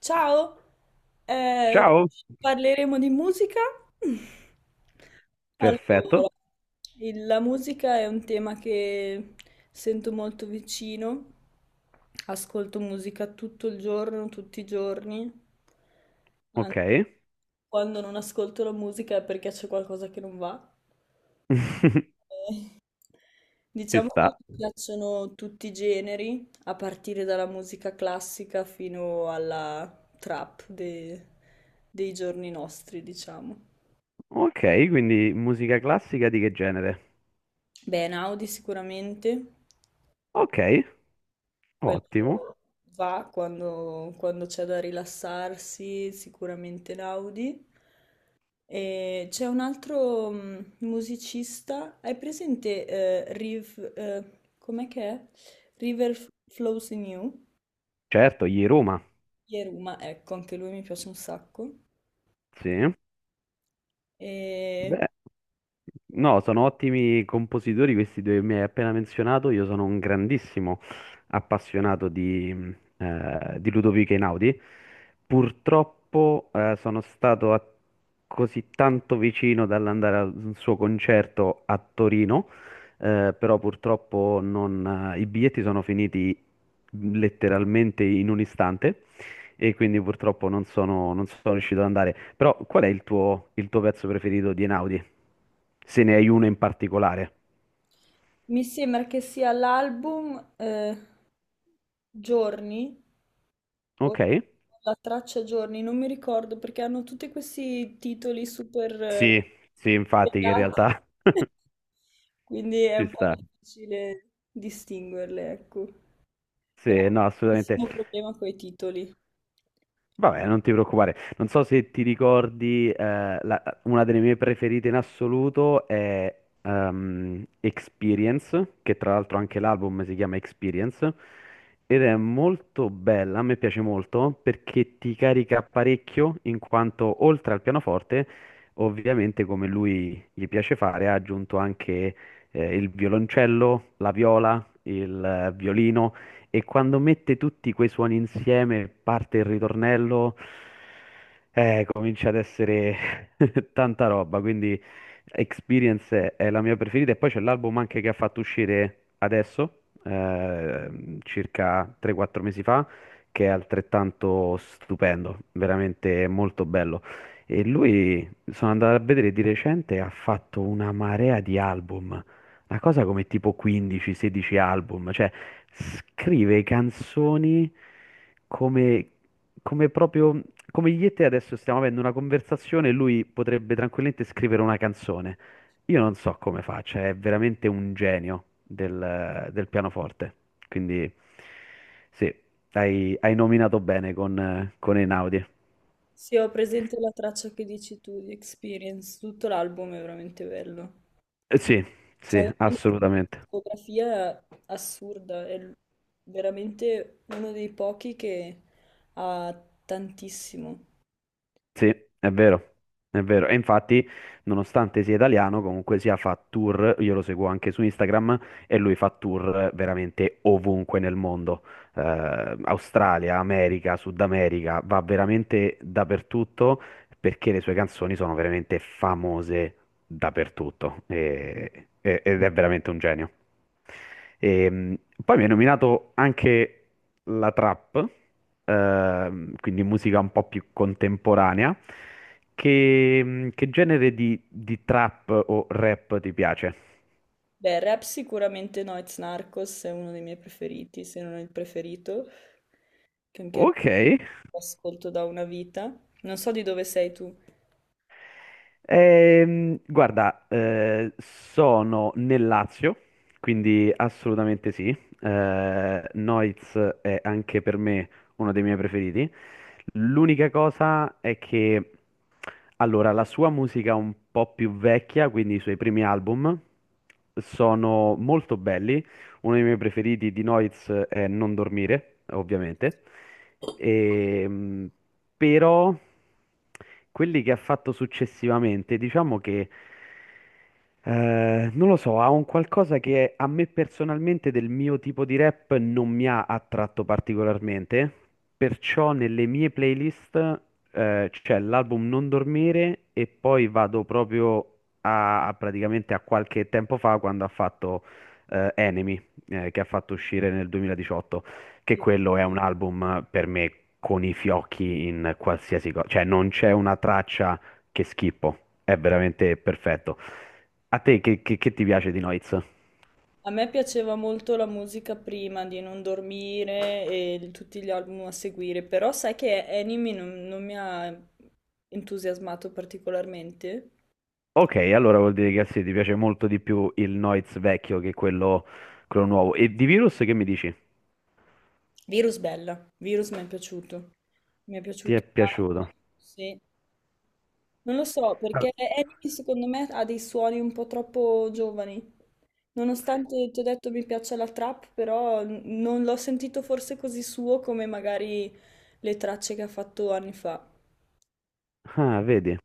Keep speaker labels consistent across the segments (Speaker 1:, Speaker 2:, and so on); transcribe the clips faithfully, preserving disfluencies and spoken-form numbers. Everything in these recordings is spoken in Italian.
Speaker 1: Ciao, eh,
Speaker 2: Ciao,
Speaker 1: parleremo di musica.
Speaker 2: perfetto,
Speaker 1: Allora, il- la musica è un tema che sento molto vicino. Ascolto musica tutto il giorno, tutti i giorni. Anzi,
Speaker 2: ok,
Speaker 1: quando non ascolto la musica è perché c'è qualcosa che non va. Eh,
Speaker 2: ci
Speaker 1: Diciamo che
Speaker 2: sta.
Speaker 1: mi piacciono tutti i generi, a partire dalla musica classica fino alla trap de- dei giorni nostri, diciamo.
Speaker 2: Ok, quindi musica classica di che genere?
Speaker 1: Beh, Naudi sicuramente,
Speaker 2: Ok, ottimo.
Speaker 1: quello va quando, quando c'è da rilassarsi, sicuramente Naudi. E c'è un altro mh, musicista, hai presente eh, Riv, eh, com'è che è? River Flows in You?
Speaker 2: Certo, gli Roma,
Speaker 1: Yeruma, ecco, anche lui mi piace un sacco.
Speaker 2: sì.
Speaker 1: E
Speaker 2: Beh. No, sono ottimi compositori questi due che mi hai appena menzionato. Io sono un grandissimo appassionato di, mh, eh, di Ludovico Einaudi. Purtroppo, eh, sono stato a- così tanto vicino dall'andare al suo concerto a Torino, eh, però purtroppo non- eh, i biglietti sono finiti letteralmente in un istante e quindi purtroppo non sono, non sono riuscito ad andare. Però qual è il tuo, il tuo pezzo preferito di Einaudi? Se ne hai uno in particolare.
Speaker 1: mi sembra che sia l'album eh, Giorni, o
Speaker 2: Ok?
Speaker 1: la traccia Giorni, non mi ricordo perché hanno tutti questi titoli super eh,
Speaker 2: Sì, sì, infatti che in
Speaker 1: legati,
Speaker 2: realtà
Speaker 1: quindi è
Speaker 2: ci
Speaker 1: un po'
Speaker 2: sta.
Speaker 1: difficile distinguerle, ecco. E ho
Speaker 2: Sì,
Speaker 1: un
Speaker 2: no, assolutamente.
Speaker 1: grandissimo problema con i titoli.
Speaker 2: Vabbè, non ti preoccupare. Non so se ti ricordi, eh, la- una delle mie preferite in assoluto è ehm, Experience, che tra l'altro anche l'album si chiama Experience, ed è molto bella, a me piace molto perché ti carica parecchio in quanto oltre al pianoforte, ovviamente come lui gli piace fare, ha aggiunto anche eh, il violoncello, la viola, il eh, violino. E quando mette tutti quei suoni insieme, parte il ritornello, eh, comincia ad essere tanta roba. Quindi Experience è la mia preferita. E poi c'è l'album anche che ha fatto uscire adesso, eh, circa tre quattro mesi fa, che è altrettanto stupendo, veramente molto bello. E lui, sono andato a vedere di recente, ha fatto una marea di album. Una cosa come tipo quindici o sedici album, cioè scrive canzoni come, come proprio come io e te adesso stiamo avendo una conversazione e lui potrebbe tranquillamente scrivere una canzone. Io non so come faccia, è veramente un genio del, del pianoforte. Quindi sì, hai, hai nominato bene con, eh, con Einaudi.
Speaker 1: Sì, ho presente la traccia che dici tu di Experience, tutto l'album è veramente bello.
Speaker 2: Eh, Sì,
Speaker 1: Cioè,
Speaker 2: sì,
Speaker 1: una
Speaker 2: assolutamente.
Speaker 1: discografia assurda, è l- veramente uno dei pochi che ha tantissimo.
Speaker 2: Sì, è vero, è vero. E infatti, nonostante sia italiano, comunque sia fa tour, io lo seguo anche su Instagram e lui fa tour veramente ovunque nel mondo. Eh, Australia, America, Sud America, va veramente dappertutto perché le sue canzoni sono veramente famose dappertutto e- e- ed è veramente un genio. E, mh, poi mi hai nominato anche la trap, ehm, quindi musica un po' più contemporanea. Che, che genere di, di trap o rap ti piace?
Speaker 1: Beh, rap sicuramente Noyz Narcos è uno dei miei preferiti, se non il preferito, che anche lui
Speaker 2: Ok,
Speaker 1: lo ascolto da una vita. Non so di dove sei tu.
Speaker 2: Ehm, guarda, eh, sono nel Lazio, quindi assolutamente sì. Eh, Noiz è anche per me uno dei miei preferiti. L'unica cosa è che, allora, la sua musica è un po' più vecchia, quindi i suoi primi album sono molto belli, uno dei miei preferiti di Noiz è Non dormire, ovviamente. Ehm, però quelli che ha fatto successivamente, diciamo che eh, non lo so, ha un qualcosa che a me personalmente del mio tipo di rap non mi ha attratto particolarmente, perciò nelle mie playlist eh, c'è l'album Non dormire e poi vado proprio a, a praticamente a qualche tempo fa quando ha fatto eh, Enemy, eh, che ha fatto uscire nel duemiladiciotto, che quello è un album per me con i fiocchi in qualsiasi cosa, cioè non c'è una traccia che schippo, è veramente perfetto. A te che, che- che ti piace di Noiz?
Speaker 1: A me piaceva molto la musica prima di Non dormire e il- tutti gli album a seguire, però sai che Enemy non, non mi ha entusiasmato particolarmente.
Speaker 2: Ok, allora vuol dire che sì, ti piace molto di più il Noiz vecchio che quello, quello nuovo. E di Virus che mi dici?
Speaker 1: Virus bella, Virus mi è piaciuto, mi è
Speaker 2: Ti
Speaker 1: piaciuto
Speaker 2: è piaciuto?
Speaker 1: tanto, sì. Non lo so,
Speaker 2: Ah,
Speaker 1: perché Enemy secondo me ha dei suoni un po' troppo giovani. Nonostante ti ho detto mi piaccia la trap, però n- non l'ho sentito forse così suo come magari le tracce che ha fatto anni fa.
Speaker 2: ah, vedi.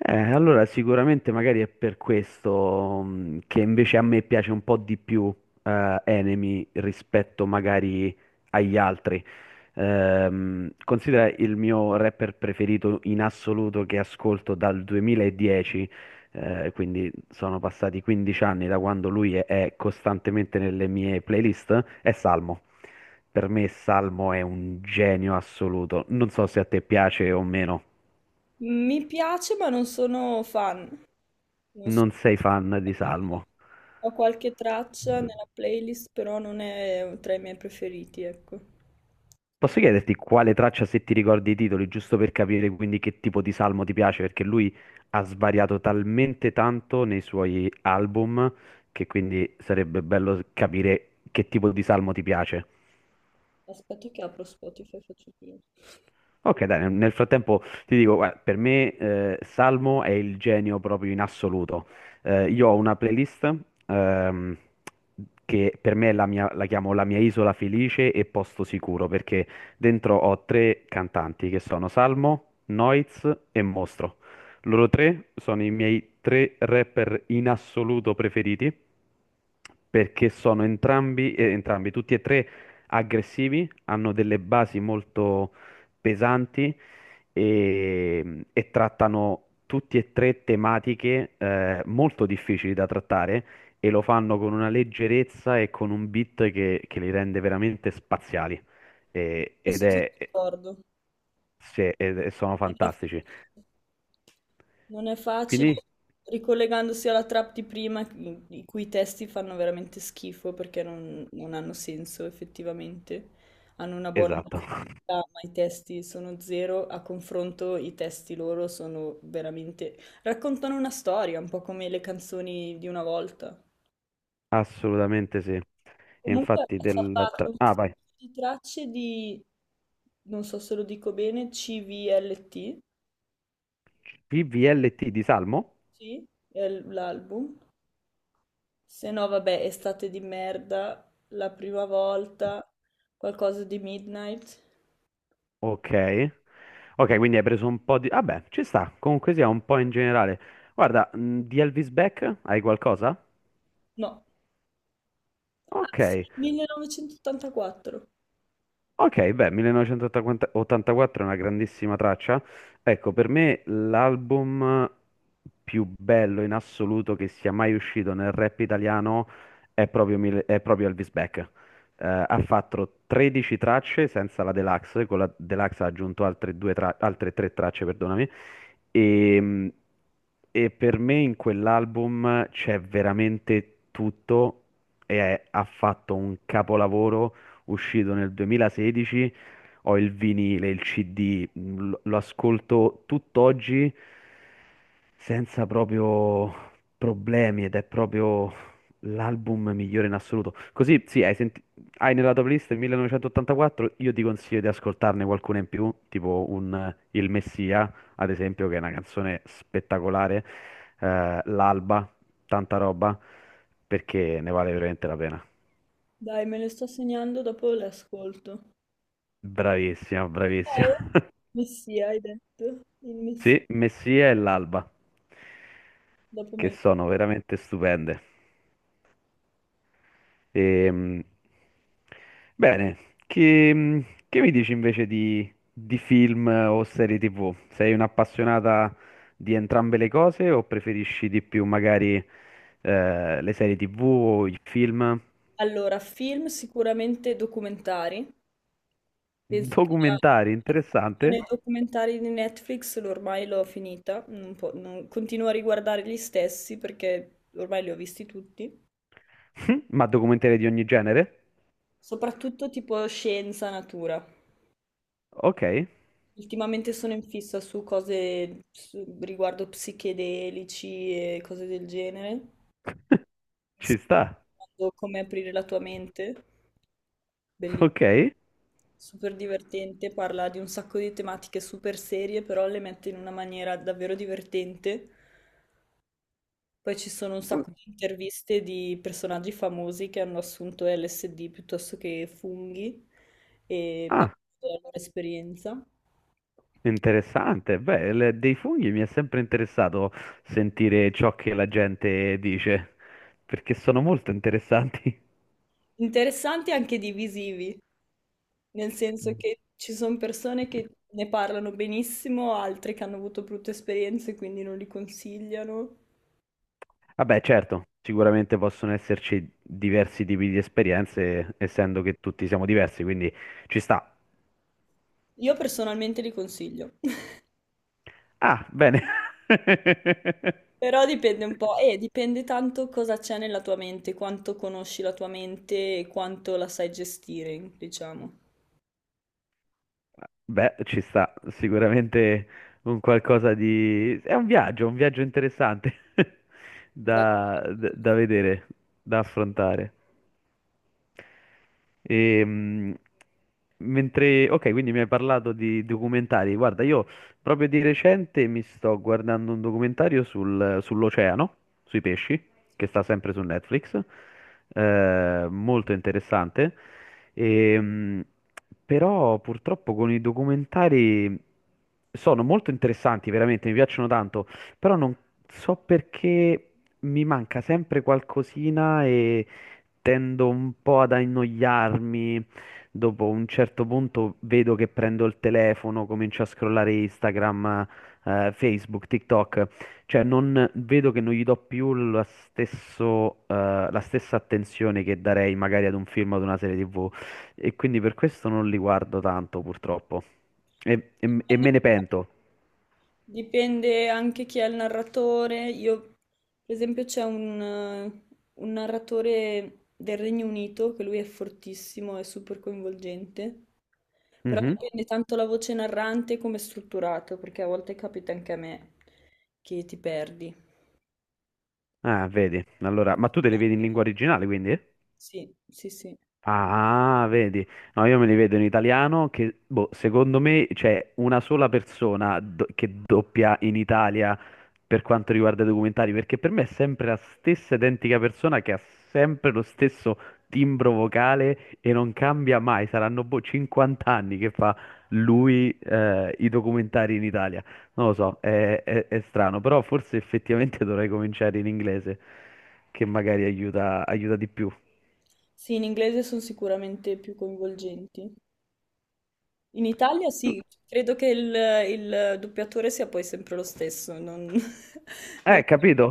Speaker 2: Eh, allora sicuramente magari è per questo mh, che invece a me piace un po' di più, eh, Enemy rispetto magari agli altri. Ehm, considera il mio rapper preferito in assoluto che ascolto dal duemiladieci, eh, quindi sono passati 15 anni da quando lui è, è costantemente nelle mie playlist, è Salmo. Per me Salmo è un genio assoluto. Non so se a te piace o meno.
Speaker 1: Mi piace, ma non sono fan. Non so-
Speaker 2: Non sei fan di Salmo.
Speaker 1: Ho qualche traccia nella playlist, però non è tra i miei preferiti, ecco.
Speaker 2: Posso chiederti quale traccia, se ti ricordi i titoli, giusto per capire quindi che tipo di salmo ti piace? Perché lui ha svariato talmente tanto nei suoi album che quindi sarebbe bello capire che tipo di salmo ti piace.
Speaker 1: Aspetta che apro Spotify e faccio prima.
Speaker 2: Ok, dai, nel nel frattempo ti dico, guarda, per me, eh, Salmo è il genio proprio in assoluto. Eh, io ho una playlist, ehm, che per me è la mia- la chiamo La mia isola felice e posto sicuro, perché dentro ho tre cantanti che sono Salmo, Noiz e Mostro. Loro tre sono i miei tre rapper in assoluto preferiti, perché sono entrambi, eh, entrambi, tutti e tre aggressivi, hanno delle basi molto pesanti e, e trattano tutti e tre tematiche, eh, molto difficili da trattare e lo fanno con una leggerezza e con un beat che, che li rende veramente spaziali. E- ed
Speaker 1: Adesso sono
Speaker 2: è,
Speaker 1: d'accordo.
Speaker 2: se- ed è- sono
Speaker 1: Non è,
Speaker 2: fantastici.
Speaker 1: non è facile,
Speaker 2: Quindi,
Speaker 1: ricollegandosi alla trap di prima, i i cui testi fanno veramente schifo perché non, non hanno senso effettivamente. Hanno una buona
Speaker 2: esatto,
Speaker 1: musicalità, ma i testi sono zero. A confronto, i testi loro sono veramente raccontano una storia, un po' come le canzoni di una volta.
Speaker 2: assolutamente sì.
Speaker 1: Comunque
Speaker 2: Infatti,
Speaker 1: ha
Speaker 2: della
Speaker 1: salvato
Speaker 2: tra-
Speaker 1: un
Speaker 2: ah,
Speaker 1: sacco
Speaker 2: vai.
Speaker 1: di tracce di, non so se lo dico bene, cult,
Speaker 2: P V L T di Salmo?
Speaker 1: sì, è l- l'album. Se no, vabbè, estate di merda, la prima volta, qualcosa di Midnight.
Speaker 2: Ok. Ok, quindi hai preso un po' di... Vabbè, ci sta, comunque sia un po' in generale. Guarda, mh, di Elvis Beck hai qualcosa?
Speaker 1: No, ah sì,
Speaker 2: Ok.
Speaker 1: millenovecentottantaquattro.
Speaker 2: Ok, beh, millenovecentottantaquattro è una grandissima traccia. Ecco, per me l'album più bello in assoluto che sia mai uscito nel rap italiano è proprio, Mil- è proprio Elvis Beck. Eh, ha fatto 13 tracce senza la Deluxe, con la Deluxe ha aggiunto altre, due tra- altre tre tracce, perdonami. E, e per me in quell'album c'è veramente tutto e è- ha fatto un capolavoro uscito nel duemilasedici, ho il vinile, il C D, mh, lo lo ascolto tutt'oggi senza proprio problemi ed è proprio l'album migliore in assoluto. Così, sì, hai, senti- hai nella tua playlist il millenovecentottantaquattro, io ti consiglio di ascoltarne qualcuna in più, tipo un, eh, Il Messia, ad esempio, che è una canzone spettacolare, eh, L'Alba, tanta roba, perché ne vale veramente la pena.
Speaker 1: Dai, me le sto segnando, dopo le ascolto.
Speaker 2: Bravissima,
Speaker 1: Poi,
Speaker 2: bravissima.
Speaker 1: Messia, hai detto? Il Messia,
Speaker 2: Sì, Messia e l'Alba,
Speaker 1: dopo
Speaker 2: che
Speaker 1: me. lo-
Speaker 2: sono veramente stupende. Ehm, bene, che, che mi dici invece di, di film o serie T V? Sei un'appassionata di entrambe le cose o preferisci di più magari, eh, le serie T V o i film?
Speaker 1: Allora, film sicuramente documentari. Penso che la
Speaker 2: Documentari,
Speaker 1: nei
Speaker 2: interessante.
Speaker 1: documentari di Netflix l- ormai l'ho finita, non po- non- continuo a riguardare gli stessi perché ormai li ho visti tutti,
Speaker 2: Ma documentari di ogni genere?
Speaker 1: soprattutto tipo scienza, natura.
Speaker 2: Ok,
Speaker 1: Ultimamente sono in fissa su cose su- riguardo psichedelici e cose del genere. Mi
Speaker 2: ci
Speaker 1: sto
Speaker 2: sta.
Speaker 1: guardando Come aprire la tua mente, bellissimo,
Speaker 2: Ok.
Speaker 1: super divertente, parla di un sacco di tematiche super serie, però le mette in una maniera davvero divertente. Poi ci sono un sacco di interviste di personaggi famosi che hanno assunto L S D piuttosto che funghi e
Speaker 2: Ah.
Speaker 1: parlano della loro esperienza.
Speaker 2: Interessante, beh, il- dei funghi mi è sempre interessato sentire ciò che la gente dice, perché sono molto interessanti.
Speaker 1: Interessanti anche divisivi, nel senso che ci sono persone che ne parlano benissimo, altre che hanno avuto brutte esperienze, e quindi non li consigliano.
Speaker 2: Vabbè, certo, sicuramente possono esserci diversi tipi di esperienze, essendo che tutti siamo diversi, quindi ci sta.
Speaker 1: Io personalmente li consiglio,
Speaker 2: Ah, bene.
Speaker 1: però dipende un po', e dipende tanto cosa c'è nella tua mente, quanto conosci la tua mente e quanto la sai gestire, diciamo.
Speaker 2: Beh, ci sta sicuramente un qualcosa di... È un viaggio, un viaggio interessante da, da- da vedere, da affrontare. Ehm, mentre... Ok, quindi mi hai parlato di documentari. Guarda, io proprio di recente mi sto guardando un documentario sul- sull'oceano, sui pesci, che sta sempre su Netflix. Eh, molto interessante. Ehm, però purtroppo con i documentari sono molto interessanti, veramente, mi piacciono tanto, però non so perché mi manca sempre qualcosina e tendo un po' ad annoiarmi. Dopo un certo punto vedo che prendo il telefono, comincio a scrollare Instagram, eh, Facebook, TikTok, cioè non vedo che non gli do più lo stesso, eh, la stessa attenzione che darei magari ad un film o ad una serie T V. E quindi per questo non li guardo tanto, purtroppo. E, e- e me ne pento.
Speaker 1: Dipende anche chi è il narratore. Io, per esempio, c'è un, eh, un narratore del Regno Unito che lui è fortissimo, è super coinvolgente, però
Speaker 2: Mhm.
Speaker 1: dipende tanto la voce narrante come è strutturato, perché a volte capita anche a me che ti perdi.
Speaker 2: Ah, vedi. Allora, ma tu te li vedi in lingua originale, quindi?
Speaker 1: Sì, sì, sì.
Speaker 2: Ah, vedi, no, io me li vedo in italiano che, boh, secondo me c'è una sola persona do- che doppia in Italia per quanto riguarda i documentari, perché per me è sempre la stessa identica persona che ha sempre lo stesso timbro vocale e non cambia mai, saranno boh 50 anni che fa lui, eh, i documentari in Italia, non lo so, è, è è strano, però forse effettivamente dovrei cominciare in inglese, che magari aiuta, aiuta di più.
Speaker 1: Sì, in inglese sono sicuramente più coinvolgenti. In Italia sì, credo che il, il doppiatore sia poi sempre lo stesso, non, non-
Speaker 2: Eh, capito?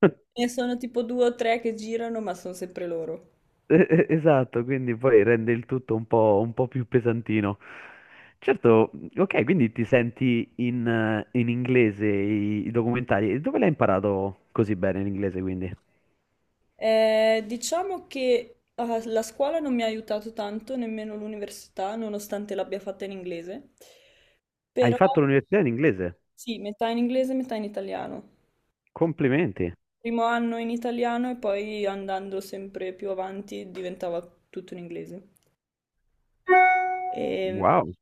Speaker 1: ne sono tipo due o tre che girano, ma sono sempre loro.
Speaker 2: Eh, eh, esatto, quindi poi rende il tutto un po', un po' più pesantino. Certo, ok, quindi ti senti, in, eh, in inglese i, i documentari. E dove l'hai imparato così bene l'inglese, quindi?
Speaker 1: Eh, diciamo che ah, la scuola non mi ha aiutato tanto, nemmeno l'università, nonostante l'abbia fatta in inglese,
Speaker 2: Hai
Speaker 1: però
Speaker 2: fatto l'università in inglese?
Speaker 1: sì, metà in inglese, metà in italiano.
Speaker 2: Complimenti.
Speaker 1: Primo anno in italiano e poi andando sempre più avanti diventava tutto in inglese. Ehm,
Speaker 2: Wow,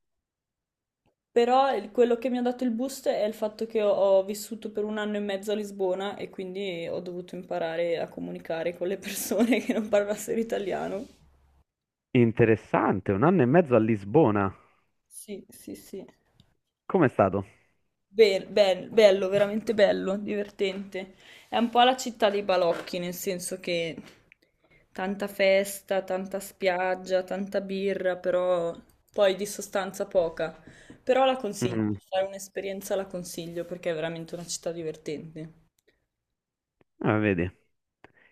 Speaker 1: Però il- quello che mi ha dato il boost è il fatto che ho, ho vissuto per un anno e mezzo a Lisbona e quindi ho dovuto imparare a comunicare con le persone che non parlassero italiano.
Speaker 2: interessante, un anno e mezzo a Lisbona.
Speaker 1: Sì, sì, sì.
Speaker 2: Com'è stato?
Speaker 1: Be- bel- bello, veramente bello, divertente. È un po' la città dei balocchi, nel senso che tanta festa, tanta spiaggia, tanta birra, però poi di sostanza poca. Però la consiglio, se
Speaker 2: Mm,
Speaker 1: fai un'esperienza la consiglio perché è veramente una città divertente.
Speaker 2: ah, vedi.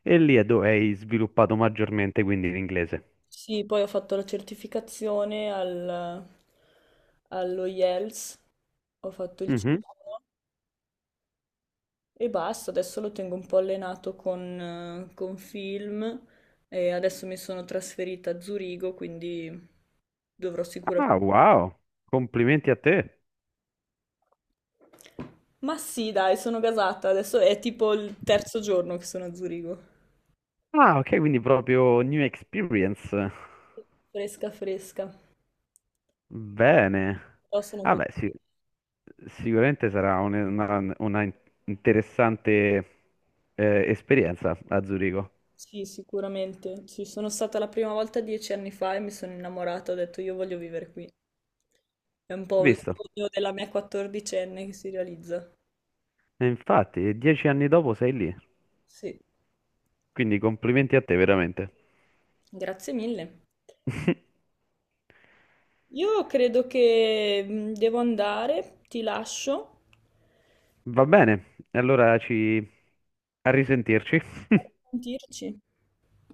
Speaker 2: E lì è dove hai sviluppato maggiormente quindi l'inglese.
Speaker 1: Sì, poi ho fatto la certificazione al, allo IELTS, ho fatto il
Speaker 2: Mhm.
Speaker 1: C uno e basta, adesso lo tengo un po' allenato con, eh, con film e adesso mi sono trasferita a Zurigo, quindi dovrò
Speaker 2: Ah,
Speaker 1: sicuramente.
Speaker 2: wow, complimenti a te.
Speaker 1: Ma sì, dai, sono gasata, adesso è tipo il terzo giorno che sono a Zurigo.
Speaker 2: Ah, ok, quindi proprio new experience.
Speaker 1: Fresca, fresca,
Speaker 2: Bene.
Speaker 1: però sono contenta.
Speaker 2: Vabbè, sì, sicuramente sarà un- una, una in- interessante, eh, esperienza a Zurigo.
Speaker 1: Sì, sicuramente. Sì, sono stata la prima volta dieci anni fa e mi sono innamorata, ho detto io voglio vivere qui. È un po' il
Speaker 2: Visto?
Speaker 1: sogno della mia quattordicenne che si realizza.
Speaker 2: E infatti, dieci anni dopo sei lì.
Speaker 1: Sì,
Speaker 2: Quindi complimenti a te, veramente.
Speaker 1: grazie mille. Io credo che mm, devo andare, ti lascio.
Speaker 2: Va bene, allora ci... a risentirci.
Speaker 1: Sentirci.